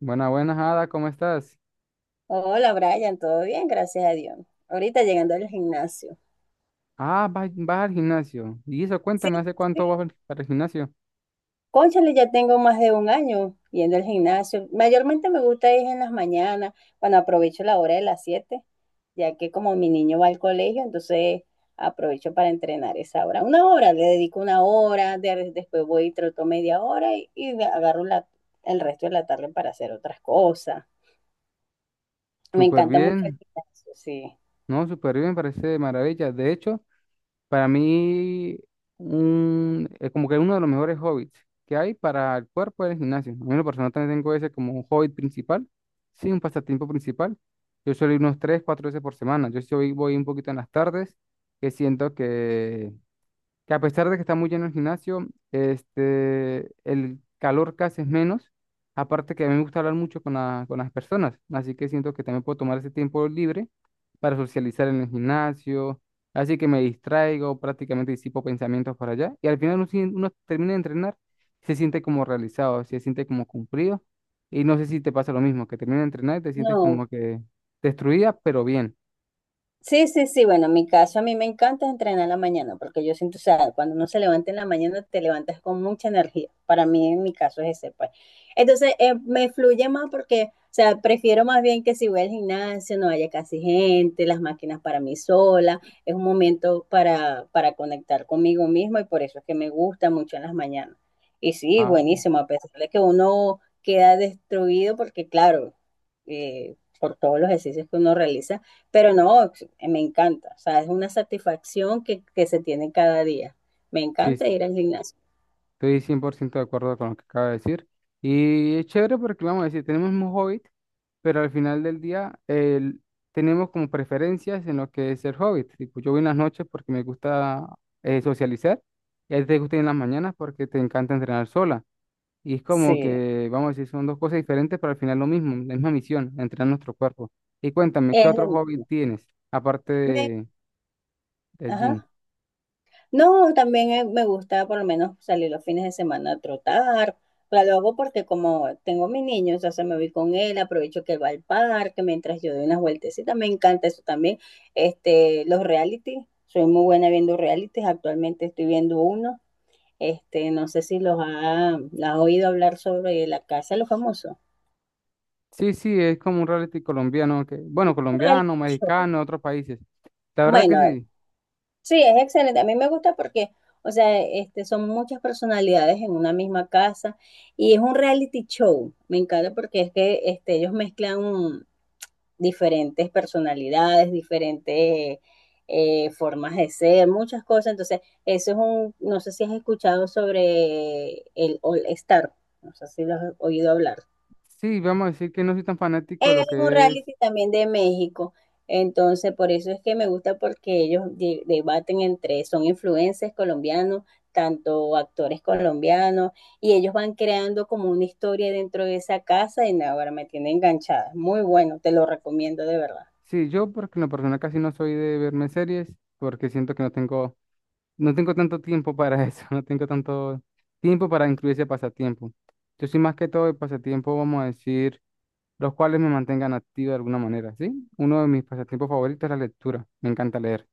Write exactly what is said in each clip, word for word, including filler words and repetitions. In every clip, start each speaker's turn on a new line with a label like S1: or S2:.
S1: Buenas, buenas, Ada, ¿cómo estás?
S2: Hola Brian, todo bien, gracias a Dios. Ahorita llegando al gimnasio.
S1: Ah, vas, vas al gimnasio. Y eso,
S2: Sí,
S1: cuéntame, ¿hace
S2: sí.
S1: cuánto vas al- para el gimnasio?
S2: Cónchale, ya tengo más de un año yendo al gimnasio. Mayormente me gusta ir en las mañanas, cuando aprovecho la hora de las siete, ya que como mi niño va al colegio, entonces aprovecho para entrenar esa hora. Una hora, le dedico una hora, de- después voy y troto media hora y, y agarro la- el resto de la tarde para hacer otras cosas. Me
S1: Súper
S2: encanta mucho el
S1: bien,
S2: gimnasio, sí.
S1: no, súper bien, parece de maravilla. De hecho, para mí, un, es como que uno de los mejores hobbies que hay para el cuerpo es el gimnasio. A mí, en lo personal, también tengo ese como un hobby principal, sí, un pasatiempo principal. Yo suelo ir unos tres, cuatro veces por semana. Yo sí voy voy un poquito en las tardes, que siento que que a pesar de que está muy lleno el gimnasio, este, el calor casi es menos. Aparte que a mí me gusta hablar mucho con, la- con las personas, así que siento que también puedo tomar ese tiempo libre para socializar en el gimnasio, así que me distraigo, prácticamente disipo pensamientos para allá y al final uno, sien- uno termina de entrenar, se siente como realizado, se siente como cumplido y no sé si te pasa lo mismo, que termina de entrenar y te sientes
S2: No,
S1: como que destruida, pero bien.
S2: Sí, sí, sí. Bueno, en mi caso a mí me encanta entrenar en la mañana porque yo siento, o sea, cuando uno se levanta en la mañana te levantas con mucha energía. Para mí, en mi caso es ese, pues. Entonces, eh, me fluye más porque, o sea, prefiero más bien que si voy al gimnasio no haya casi gente, las máquinas para mí sola. Es un momento para, para conectar conmigo mismo y por eso es que me gusta mucho en las mañanas. Y sí,
S1: Ah,
S2: buenísimo, a pesar de que uno queda destruido porque, claro, eh, por todos los ejercicios que uno realiza pero no, me encanta, o sea, es una satisfacción que, que se tiene cada día. Me
S1: sí,
S2: encanta ir al gimnasio.
S1: estoy cien por ciento de acuerdo con lo que acaba de decir. Y es chévere porque, vamos a decir, tenemos un hobbit, pero al final del día el- tenemos como preferencias en lo que es el hobbit. Tipo, yo voy en las noches porque me gusta eh, socializar, y a ti te gusta ir en las mañanas porque te encanta entrenar sola. Y es como
S2: Sí.
S1: que, vamos a decir, son dos cosas diferentes, pero al final lo mismo, la misma misión, entrenar nuestro cuerpo. Y cuéntame, ¿qué
S2: Es lo
S1: otro hobbit
S2: mismo.
S1: tienes aparte
S2: Me-
S1: de, del gym?
S2: ajá. No, también eh, me gusta por lo menos salir los fines de semana a trotar. Claro, lo hago porque como tengo a mi niño, entonces me voy con él, aprovecho que él va al parque mientras yo doy unas vueltecitas. Me encanta eso también. Este, los reality, soy muy buena viendo realities. Actualmente estoy viendo uno. Este, no sé si los ha, la has oído hablar sobre la Casa de los Famosos.
S1: Sí, sí, es como un reality colombiano, que, bueno,
S2: Un reality
S1: colombiano,
S2: show.
S1: mexicano, otros países. La verdad que
S2: Bueno, eh,
S1: sí,
S2: sí, es excelente. A mí me gusta porque, o sea, este, son muchas personalidades en una misma casa y es un reality show. Me encanta porque es que este, ellos mezclan un- diferentes personalidades, diferentes eh, formas de ser, muchas cosas. Entonces, eso es un, no sé si has escuchado sobre el All Star. No sé si lo has oído hablar.
S1: sí, vamos a decir que no soy tan fanático de
S2: Él es
S1: lo
S2: un
S1: que es.
S2: reality también de México. Entonces, por eso es que me gusta porque ellos de- debaten entre, son influencers colombianos, tanto actores colombianos, y ellos van creando como una historia dentro de esa casa y nada, ahora me tiene enganchada. Muy bueno, te lo recomiendo de verdad.
S1: Sí, yo porque en lo personal casi no soy de verme series, porque siento que no tengo, no tengo tanto tiempo para eso, no tengo tanto tiempo para incluir ese pasatiempo. Yo soy más que todo de pasatiempo, vamos a decir, los cuales me mantengan activo de alguna manera, ¿sí? Uno de mis pasatiempos favoritos es la lectura, me encanta leer.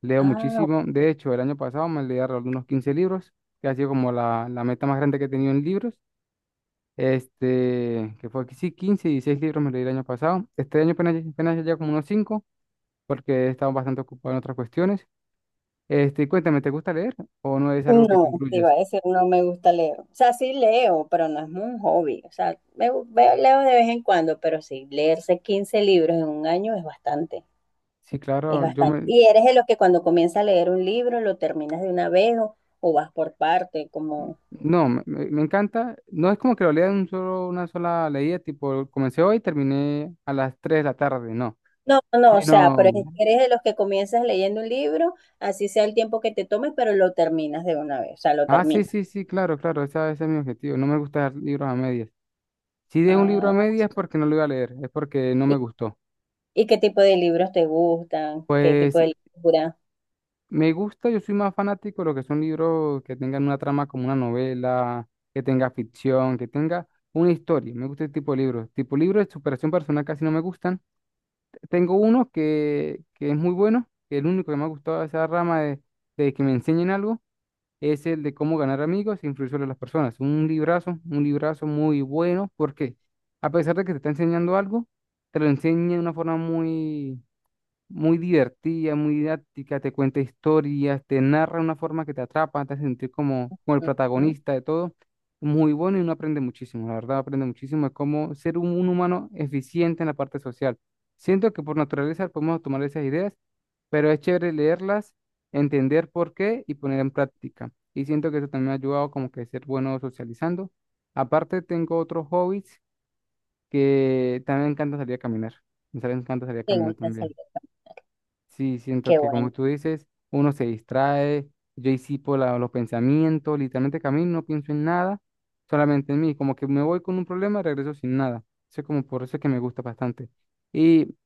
S1: Leo
S2: Ah,
S1: muchísimo. De hecho, el año pasado me leí alrededor de unos quince libros, que ha sido como la, la meta más grande que he tenido en libros. Este, que fue que sí, quince y dieciséis libros me leí el año pasado. Este año apenas, apenas ya como unos cinco, porque he estado bastante ocupado en otras cuestiones. Este, y cuéntame, ¿te gusta leer o no es algo que te
S2: no, te iba
S1: incluyes?
S2: a decir, no me gusta leer. O sea, sí leo, pero no es un hobby. O sea, me, gu- veo- leo de vez en cuando, pero sí, leerse quince libros en un año es bastante.
S1: Sí,
S2: Es
S1: claro, yo
S2: bastante.
S1: me...
S2: Y eres de los que cuando comienza a leer un libro lo terminas de una vez o, o vas por parte, como...
S1: No, me, me- me encanta. No es como que lo lea en un solo, una sola leída, tipo, comencé hoy y terminé a las tres de la tarde, no.
S2: No, no, no, o sea, pero
S1: Sino
S2: es- eres de los que comienzas leyendo un libro, así sea el tiempo que te tome, pero lo terminas de una vez, o sea, lo
S1: ah, sí,
S2: terminas.
S1: sí, sí, claro, claro, esa- ese es mi objetivo. No me gusta dar libros a medias. Si de un libro a
S2: Ah,
S1: medias es porque no lo iba a leer, es porque no me
S2: ¿y,
S1: gustó.
S2: y qué tipo de libros te gustan? ¿Qué tipo
S1: Pues
S2: de lectura?
S1: me gusta, yo soy más fanático de lo que son libros que tengan una trama como una novela, que tenga ficción, que tenga una historia. Me gusta ese tipo de libros. Tipo libros de superación personal casi no me gustan. Tengo uno que, que es muy bueno, que es el único que me ha gustado de esa rama de, de que me enseñen algo es el de cómo ganar amigos e influir sobre las personas. Un librazo, un librazo muy bueno, porque a pesar de que te está enseñando algo, te lo enseña de una forma muy, muy divertida, muy didáctica, te cuenta historias, te narra de una forma que te atrapa, te hace sentir como, como el
S2: Ujú,
S1: protagonista de todo. Muy bueno y uno aprende muchísimo, la verdad, aprende muchísimo de cómo ser un, un humano eficiente en la parte social. Siento que por naturaleza podemos tomar esas ideas, pero es chévere leerlas, entender por qué y poner en práctica. Y siento que eso también me ha ayudado como que a ser bueno socializando. Aparte, tengo otros hobbies que también me encanta salir a caminar. Me sale- me encanta salir a
S2: ¿Te
S1: caminar
S2: gusta
S1: también.
S2: salir a caminar?
S1: Sí, siento
S2: Qué
S1: que
S2: bueno.
S1: como tú dices, uno se distrae, yo disipo la- los pensamientos, literalmente camino, no pienso en nada, solamente en mí, como que me voy con un problema y regreso sin nada. Eso es como por eso es que me gusta bastante. Y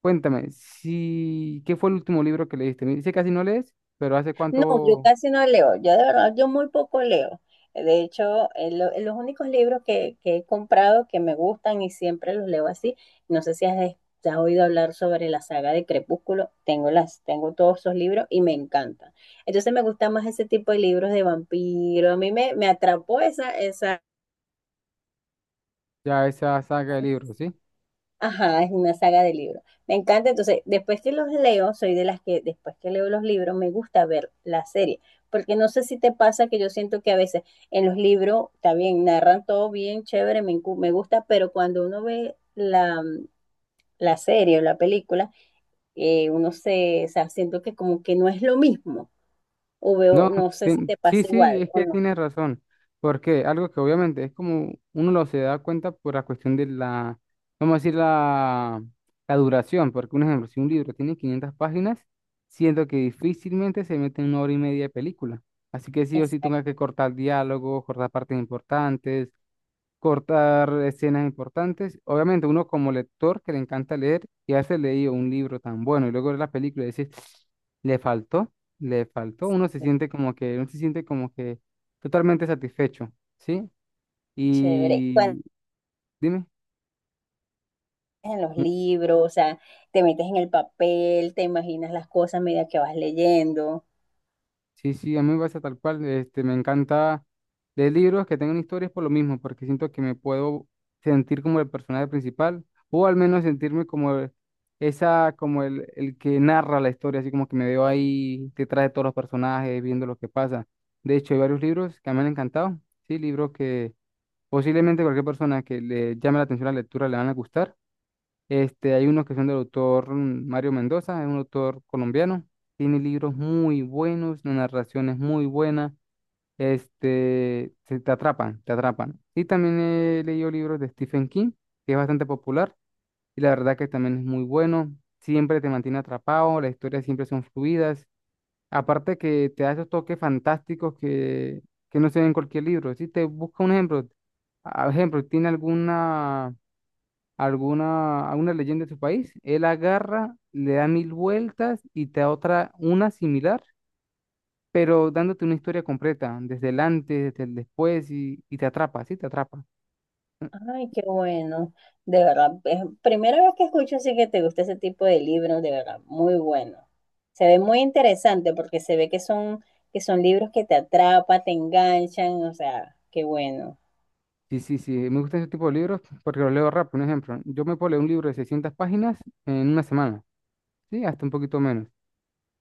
S1: cuéntame, si, ¿qué fue el último libro que leíste? Me dice que casi no lees, pero ¿hace
S2: No, yo
S1: cuánto
S2: casi no leo, yo de verdad, yo muy poco leo. De hecho, eh, lo- eh, los únicos libros que, que he comprado que me gustan y siempre los leo así, no sé si has, es- has oído hablar sobre la saga de Crepúsculo, tengo, las, tengo todos esos libros y me encantan. Entonces me gusta más ese tipo de libros de vampiro, a mí me, me atrapó esa, esa
S1: ya esa saga de libros, sí?
S2: Ajá, es una saga de libros. Me encanta, entonces, después que los leo, soy de las que después que leo los libros me gusta ver la serie, porque no sé si te pasa que yo siento que a veces en los libros, está bien, narran todo bien, chévere, me, encu- me gusta, pero cuando uno ve la, la serie o la película, eh, uno se, o sea, siento que como que no es lo mismo, o veo,
S1: No,
S2: no sé si
S1: tien-
S2: te
S1: sí,
S2: pasa
S1: sí,
S2: igual
S1: es
S2: o
S1: que
S2: no.
S1: tienes razón, porque algo que obviamente es como uno lo se da cuenta por la cuestión de la, vamos a decir, la, la duración, porque un ejemplo, si un libro tiene quinientas páginas, siento que difícilmente se mete en una hora y media de película, así que sí o sí tenga
S2: Exacto,
S1: que cortar diálogos, cortar partes importantes, cortar escenas importantes. Obviamente, uno como lector que le encanta leer y hace leído un libro tan bueno y luego ver la película y decir, le faltó, le faltó, uno se siente como que, uno se siente como que totalmente satisfecho, ¿sí?
S2: chévere.
S1: Y dime,
S2: en los libros, o sea, te metes en el papel, te imaginas las cosas a medida que vas leyendo.
S1: sí, sí, a mí me pasa tal cual. Este, me encanta leer libros que tengan historias por lo mismo, porque siento que me puedo sentir como el personaje principal, o al menos sentirme como el- esa, como el, el que narra la historia, así como que me veo ahí detrás de todos los personajes, viendo lo que pasa. De hecho, hay varios libros que me han encantado, sí, libros que posiblemente cualquier persona que le llame la atención la lectura le van a gustar. Este, hay unos que son del autor mm, Mario Mendoza, es un autor colombiano. Tiene libros muy buenos, la narración es muy buena. Este, se te atrapan, te atrapan. Y también he leído libros de Stephen King, que es bastante popular, y la verdad que también es muy bueno. Siempre te mantiene atrapado, las historias siempre son fluidas. Aparte que te da esos toques fantásticos que, que no se ven en cualquier libro. Si te busca un ejemplo, a- ejemplo, ¿tiene alguna alguna, alguna leyenda de su país, él agarra, le da mil vueltas y te da otra, una similar, pero dándote una historia completa, desde el antes, desde el después, y, y te atrapa, sí, te atrapa.
S2: Ay, qué bueno. De verdad, es primera vez que escucho así que te gusta ese tipo de libros, de verdad, muy bueno. Se ve muy interesante porque se ve que son, que son libros que te atrapan, te enganchan, o sea, qué bueno.
S1: Sí, sí, sí, me gustan ese tipo de libros porque los leo rápido. Un ejemplo, yo me puedo leer un libro de seiscientas páginas en una semana, sí, hasta un poquito menos.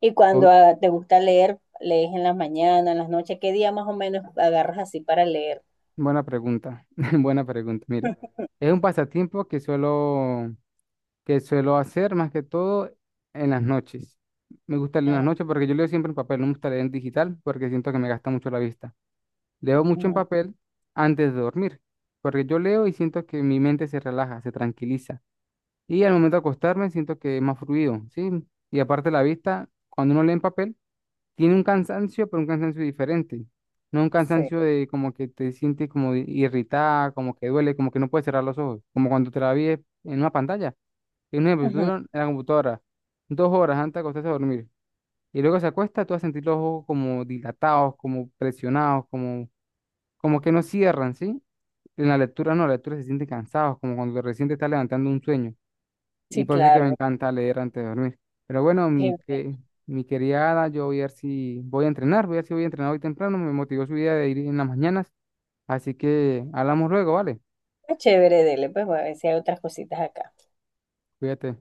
S2: Y
S1: O-
S2: cuando ah, te gusta leer, lees en las mañanas, en las noches, ¿qué día más o menos agarras así para leer?
S1: buena pregunta, buena pregunta, mire. Es un pasatiempo que suelo que suelo hacer más que todo en las noches. Me gusta leer en las
S2: Ah,
S1: noches porque yo leo siempre en papel, no me gusta leer en digital porque siento que me gasta mucho la vista. Leo mucho en
S2: ujú,
S1: papel antes de dormir, porque yo leo y siento que mi mente se relaja, se tranquiliza. Y al momento de acostarme siento que es más fluido, ¿sí? Y aparte la vista, cuando uno lee en papel, tiene un cansancio, pero un cansancio diferente. No un
S2: sí,
S1: cansancio de como que te sientes como irritada, como que duele, como que no puedes cerrar los ojos, como cuando te la vi en una pantalla. En un ejemplo, si tú
S2: Ujú,
S1: duras en la computadora, dos horas antes de acostarse a dormir, y luego se acuesta, tú vas a sentir los ojos como dilatados, como presionados, como, como que no cierran, ¿sí? En la lectura no, la lectura se siente cansados, como cuando recién te estás levantando un sueño. Y
S2: sí,
S1: por eso es que me
S2: claro,
S1: encanta leer antes de dormir. Pero bueno,
S2: qué
S1: mi, que,
S2: bueno.
S1: mi querida Ada, yo voy a ver si voy a entrenar, voy a ver si voy a entrenar hoy temprano, me motivó su idea de ir en las mañanas, así que hablamos luego, ¿vale?
S2: Está chévere, dele, pues voy a ver si hay otras cositas acá.
S1: Cuídate.